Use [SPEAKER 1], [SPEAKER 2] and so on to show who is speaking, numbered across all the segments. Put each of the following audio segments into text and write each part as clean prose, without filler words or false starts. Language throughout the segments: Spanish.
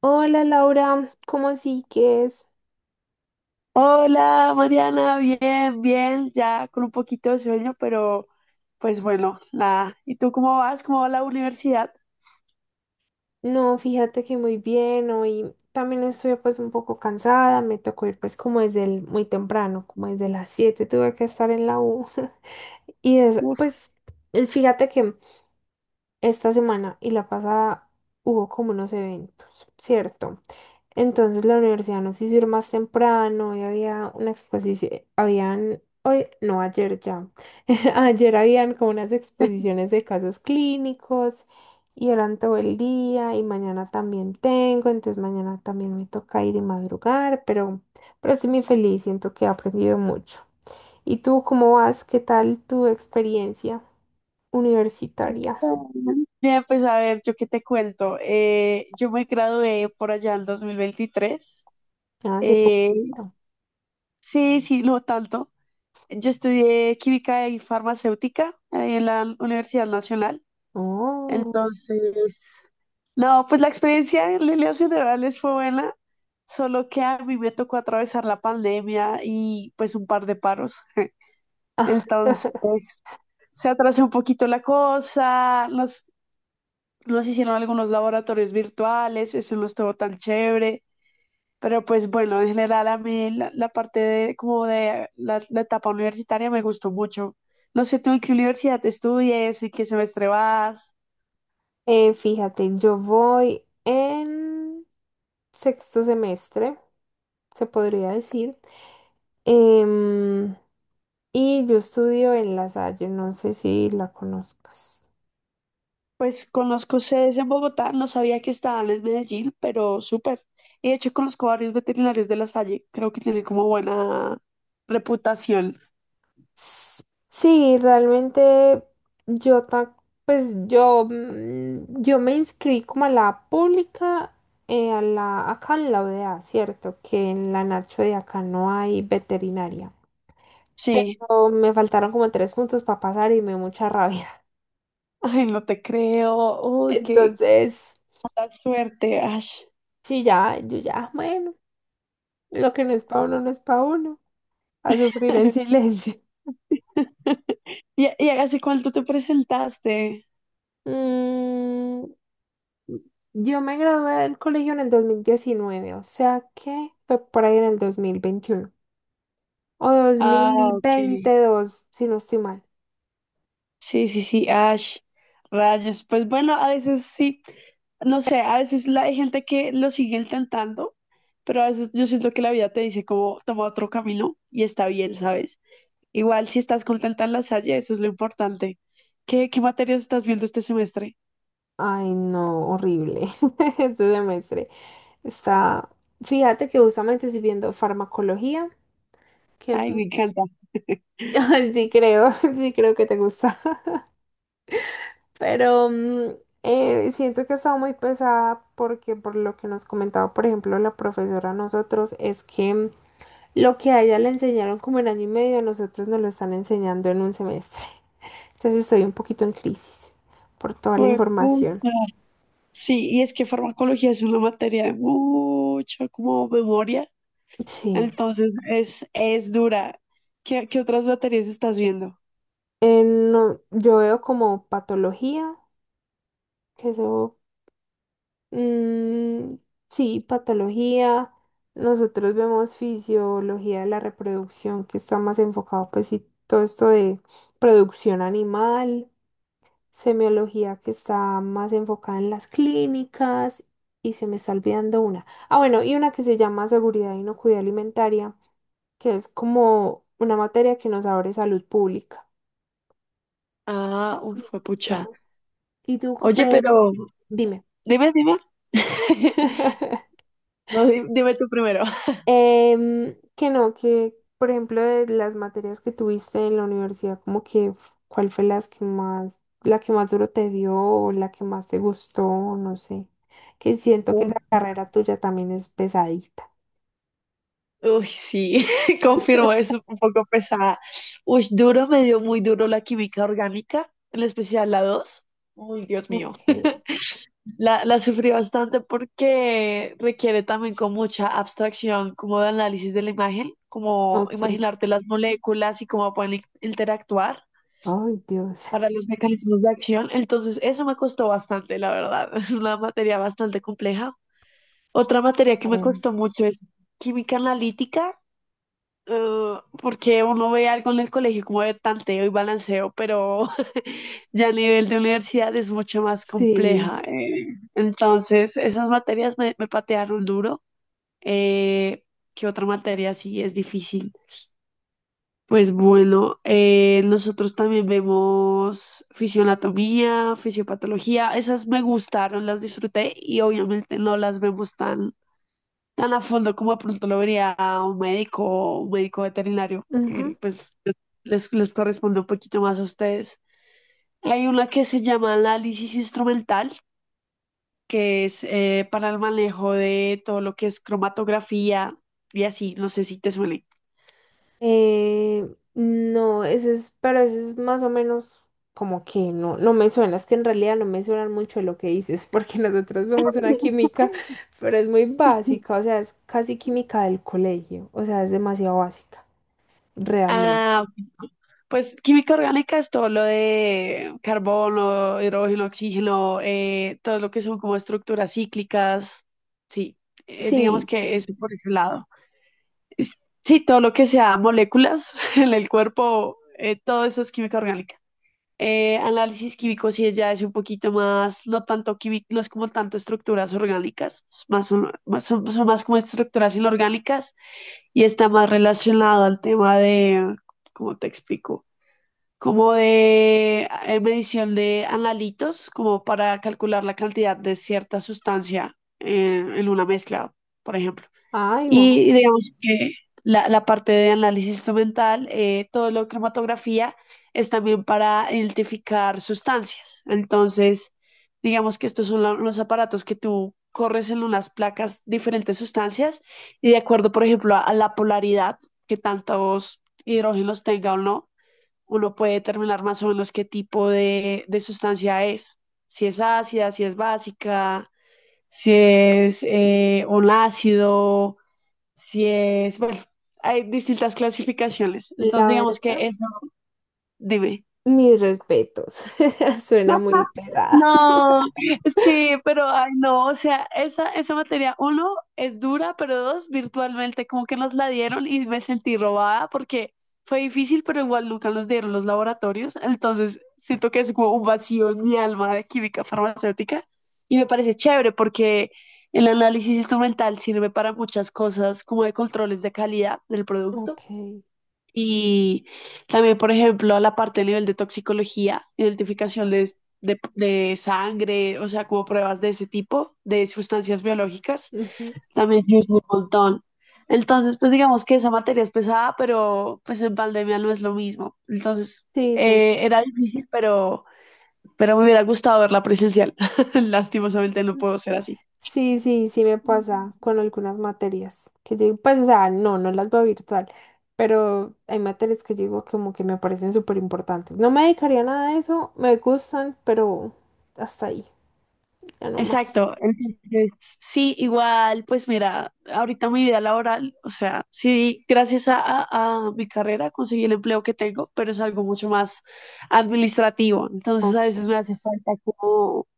[SPEAKER 1] Hola Laura, ¿cómo así que es?
[SPEAKER 2] Hola, Mariana, bien, bien, ya con un poquito de sueño, pero pues bueno, nada. ¿Y tú cómo vas? ¿Cómo va la universidad?
[SPEAKER 1] No, fíjate que muy bien, hoy también estoy pues un poco cansada, me tocó ir pues como desde el, muy temprano, como desde las 7 tuve que estar en la U y
[SPEAKER 2] Uf,
[SPEAKER 1] pues fíjate que esta semana y la pasada hubo como unos eventos, ¿cierto? Entonces la universidad nos hizo ir más temprano y había una exposición, habían, hoy, no, ayer ya, ayer habían como unas exposiciones de casos clínicos y eran todo el día y mañana también tengo, entonces mañana también me toca ir y madrugar, pero estoy muy feliz, siento que he aprendido mucho. ¿Y tú cómo vas? ¿Qué tal tu experiencia universitaria?
[SPEAKER 2] bien, bien, pues a ver, yo qué te cuento. Yo me gradué por allá en 2023.
[SPEAKER 1] Hace
[SPEAKER 2] Eh,
[SPEAKER 1] poquito.
[SPEAKER 2] sí, sí, no tanto. Yo estudié química y farmacéutica ahí en la Universidad Nacional.
[SPEAKER 1] Oh.
[SPEAKER 2] Entonces, no, pues la experiencia en líneas generales fue buena, solo que a mí me tocó atravesar la pandemia y pues un par de paros. Entonces, se atrasó un poquito la cosa, nos hicieron algunos laboratorios virtuales, eso no estuvo tan chévere, pero pues bueno, en general a mí la parte de como de la etapa universitaria me gustó mucho. No sé tú en qué universidad estudias, en qué semestre vas.
[SPEAKER 1] Fíjate, yo voy en sexto semestre, se podría decir. Em, y yo estudio en La Salle, no sé si la conozcas.
[SPEAKER 2] Pues conozco sedes en Bogotá, no sabía que estaban en Medellín, pero súper. Y de hecho conozco varios veterinarios de La Salle, creo que tienen como buena reputación.
[SPEAKER 1] S- Sí, realmente yo ta- pues yo me inscribí como a la pública, acá en la UDA, ¿cierto? Que en la Nacho de acá no hay veterinaria.
[SPEAKER 2] Sí.
[SPEAKER 1] Pero me faltaron como tres puntos para pasar y me dio mucha rabia.
[SPEAKER 2] Ay, no te creo. Uy, qué
[SPEAKER 1] Entonces,
[SPEAKER 2] mala suerte, Ash.
[SPEAKER 1] sí, ya, yo ya, bueno, lo que no es para uno no es para uno, a sufrir en silencio.
[SPEAKER 2] ¿Y hace cuánto te presentaste?
[SPEAKER 1] Mm, yo me gradué del colegio en el 2019, o sea que fue por ahí en el 2021 o dos
[SPEAKER 2] Ah,
[SPEAKER 1] mil
[SPEAKER 2] ok.
[SPEAKER 1] veintidós, si no estoy mal.
[SPEAKER 2] Sí, sí, sí, Ash, rayos. Pues bueno, a veces sí, no sé, a veces hay gente que lo sigue intentando, pero a veces yo siento que la vida te dice como toma otro camino y está bien, ¿sabes? Igual si estás contenta en la Salle, eso es lo importante. ¿Qué materias estás viendo este semestre?
[SPEAKER 1] Ay, no, horrible este semestre. Está, fíjate que justamente estoy viendo farmacología,
[SPEAKER 2] Ay,
[SPEAKER 1] que
[SPEAKER 2] me encanta.
[SPEAKER 1] ay, sí creo, sí creo que te gusta. Pero siento que ha estado muy pesada porque por lo que nos comentaba, por ejemplo, la profesora a nosotros, es que lo que a ella le enseñaron como en año y medio, a nosotros nos lo están enseñando en un semestre. Entonces estoy un poquito en crisis por toda la
[SPEAKER 2] Pues
[SPEAKER 1] información.
[SPEAKER 2] pucha. Sí, y es que farmacología es una materia de mucha como memoria,
[SPEAKER 1] Sí.
[SPEAKER 2] entonces es dura. ¿Qué otras materias estás viendo?
[SPEAKER 1] No, yo veo como patología. Que se Mm, sí, patología. Nosotros vemos fisiología de la reproducción, que está más enfocado, pues sí, todo esto de producción animal, semiología que está más enfocada en las clínicas, y se me está olvidando una. Ah, bueno, y una que se llama seguridad e inocuidad alimentaria, que es como una materia que nos abre salud pública.
[SPEAKER 2] Ah, uf,
[SPEAKER 1] Y
[SPEAKER 2] fue
[SPEAKER 1] ya.
[SPEAKER 2] pucha.
[SPEAKER 1] Y tú, por
[SPEAKER 2] Oye,
[SPEAKER 1] ejemplo,
[SPEAKER 2] pero
[SPEAKER 1] dime.
[SPEAKER 2] dime, dime. No, dime tú primero.
[SPEAKER 1] Que no, que por ejemplo de las materias que tuviste en la universidad, como que cuál fue las que más, la que más duro te dio o la que más te gustó, no sé. Que siento que
[SPEAKER 2] Uf,
[SPEAKER 1] la carrera tuya también es pesadita.
[SPEAKER 2] uy, sí, confirmo, es un poco pesada. Uy, duro, me dio muy duro la química orgánica, en especial la 2. Uy, Dios mío.
[SPEAKER 1] Ok,
[SPEAKER 2] La sufrí bastante porque requiere también con mucha abstracción, como de análisis de la imagen, como
[SPEAKER 1] Ok,
[SPEAKER 2] imaginarte las moléculas y cómo pueden interactuar
[SPEAKER 1] ay Dios.
[SPEAKER 2] para los mecanismos de acción. Entonces, eso me costó bastante, la verdad. Es una materia bastante compleja. Otra materia que me
[SPEAKER 1] Karen.
[SPEAKER 2] costó mucho es química analítica. Porque uno ve algo en el colegio como de tanteo y balanceo, pero ya a nivel de universidad es mucho más
[SPEAKER 1] Sí.
[SPEAKER 2] compleja. Entonces, esas materias me patearon duro. Eh, ¿Qué otra materia sí es difícil? Pues bueno, nosotros también vemos fisioanatomía, fisiopatología, esas me gustaron, las disfruté y obviamente no las vemos tan a fondo como de pronto lo vería a un médico o un médico veterinario,
[SPEAKER 1] Ujú.
[SPEAKER 2] que pues les corresponde un poquito más a ustedes. Hay una que se llama análisis instrumental, que es para el manejo de todo lo que es cromatografía y así, no sé si te suele.
[SPEAKER 1] Eh, no, eso es, pero eso es más o menos como que no, no me suena, es que en realidad no me suena mucho lo que dices, porque nosotros vemos una química, pero es muy básica, o sea, es casi química del colegio, o sea, es demasiado básica, realmente.
[SPEAKER 2] Ah, pues química orgánica es todo lo de carbono, hidrógeno, oxígeno, todo lo que son como estructuras cíclicas. Sí, digamos
[SPEAKER 1] Sí,
[SPEAKER 2] que es
[SPEAKER 1] sí.
[SPEAKER 2] por ese lado. es- sí, todo lo que sea moléculas en el cuerpo, todo eso es química orgánica. Análisis químico sí es ya es un poquito más, no tanto químico, no es como tanto estructuras orgánicas, es más son, son más como estructuras inorgánicas y está más relacionado al tema de, ¿cómo te explico? Como de medición de analitos, como para calcular la cantidad de cierta sustancia en una mezcla, por ejemplo.
[SPEAKER 1] Ay,
[SPEAKER 2] Y
[SPEAKER 1] wow.
[SPEAKER 2] digamos que la parte de análisis instrumental, todo lo de cromatografía es también para identificar sustancias. Entonces, digamos que estos son los aparatos que tú corres en unas placas diferentes sustancias y de acuerdo, por ejemplo, a la polaridad, que tantos hidrógenos tenga o no, uno puede determinar más o menos qué tipo de sustancia es. Si es ácida, si es básica, si es un ácido si es, bueno, hay distintas clasificaciones. Entonces,
[SPEAKER 1] La
[SPEAKER 2] digamos
[SPEAKER 1] verdad,
[SPEAKER 2] que eso, dime.
[SPEAKER 1] mis respetos. Suena muy pesada.
[SPEAKER 2] No, sí, pero ay no, o sea, esa materia, uno, es dura, pero dos, virtualmente como que nos la dieron y me sentí robada porque fue difícil, pero igual nunca nos dieron los laboratorios, entonces siento que es como un vacío en mi alma de química farmacéutica y me parece chévere porque el análisis instrumental sirve para muchas cosas como de controles de calidad del
[SPEAKER 1] Ok.
[SPEAKER 2] producto. Y también, por ejemplo, la parte a nivel de toxicología,
[SPEAKER 1] Ok.
[SPEAKER 2] identificación de sangre, o sea, como pruebas de ese tipo, de sustancias biológicas,
[SPEAKER 1] Ujú.
[SPEAKER 2] también yo hice un montón. Entonces, pues digamos que esa materia es pesada, pero pues en pandemia no es lo mismo. Entonces,
[SPEAKER 1] Sí, te entiendo.
[SPEAKER 2] era difícil, pero me hubiera gustado verla presencial. Lastimosamente no puedo ser así.
[SPEAKER 1] Sí, sí, sí me pasa con algunas materias que yo digo, pues, o sea, no, no las veo virtual, pero hay materias que yo digo como que me parecen súper importantes. No me dedicaría a nada de eso, me gustan, pero hasta ahí, ya no más.
[SPEAKER 2] Exacto, entonces sí, igual, pues mira, ahorita mi vida laboral, o sea, sí, gracias a mi carrera conseguí el empleo que tengo, pero es algo mucho más administrativo, entonces a
[SPEAKER 1] Ok.
[SPEAKER 2] veces me hace falta como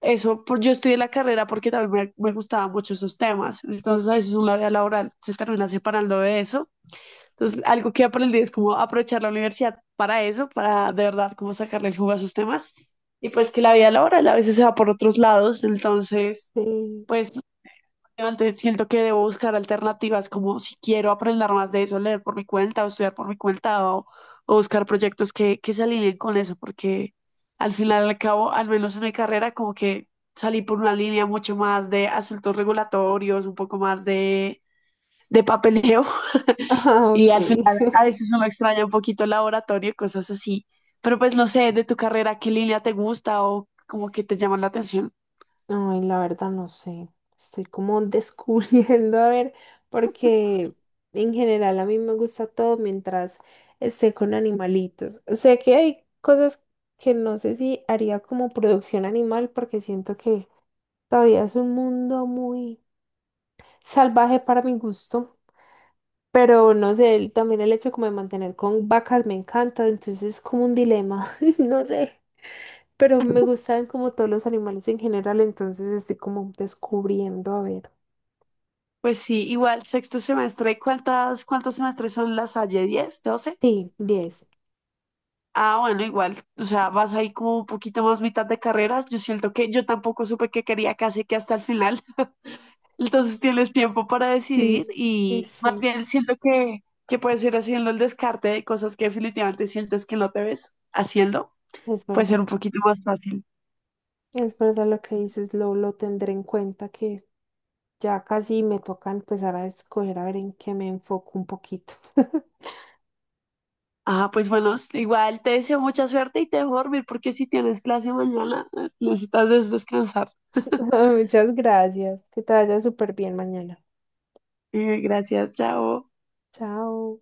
[SPEAKER 2] eso, por, yo estudié la carrera porque también me gustaban mucho esos temas, entonces a veces una vida laboral se termina separando de eso entonces, algo que aprendí es como aprovechar la universidad para eso, para de verdad como sacarle el jugo a sus temas. Y pues que la vida laboral a veces se va por otros lados, entonces,
[SPEAKER 1] Sí.
[SPEAKER 2] pues antes siento que debo buscar alternativas como si quiero aprender más de eso, leer por mi cuenta o estudiar por mi cuenta o buscar proyectos que se alineen con eso, porque al final y al cabo, al menos en mi carrera, como que salí por una línea mucho más de asuntos regulatorios, un poco más de papeleo
[SPEAKER 1] Ah,
[SPEAKER 2] y
[SPEAKER 1] ok.
[SPEAKER 2] al final a veces uno extraña un poquito el laboratorio, cosas así. Pero pues no sé, de tu carrera, ¿qué línea te gusta o como que te llama la atención?
[SPEAKER 1] Ay, la verdad no sé. Estoy como descubriendo, a ver, porque en general a mí me gusta todo mientras esté con animalitos. Sé que hay cosas que no sé si haría como producción animal porque siento que todavía es un mundo muy salvaje para mi gusto. Pero no sé, también el hecho como de mantener con vacas me encanta, entonces es como un dilema, no sé. Pero me gustan como todos los animales en general, entonces estoy como descubriendo, a ver.
[SPEAKER 2] Pues sí, igual, sexto semestre, cuántos semestres son las Salle? 10, 12.
[SPEAKER 1] Sí, 10.
[SPEAKER 2] Ah, bueno, igual, o sea, vas ahí como un poquito más mitad de carreras. Yo siento que yo tampoco supe que quería casi que hasta el final. Entonces tienes tiempo para decidir
[SPEAKER 1] Sí, sí,
[SPEAKER 2] y más
[SPEAKER 1] sí,
[SPEAKER 2] bien siento que puedes ir haciendo el descarte de cosas que definitivamente sientes que no te ves haciendo
[SPEAKER 1] es
[SPEAKER 2] puede ser
[SPEAKER 1] verdad.
[SPEAKER 2] un poquito más fácil.
[SPEAKER 1] Es verdad lo que dices, lo tendré en cuenta que ya casi me toca empezar a escoger a ver en qué me enfoco un poquito.
[SPEAKER 2] Ah, pues bueno, igual te deseo mucha suerte y te dejo dormir porque si tienes clase mañana necesitas descansar.
[SPEAKER 1] Muchas gracias. Que te vaya súper bien mañana.
[SPEAKER 2] Gracias, chao.
[SPEAKER 1] Chao.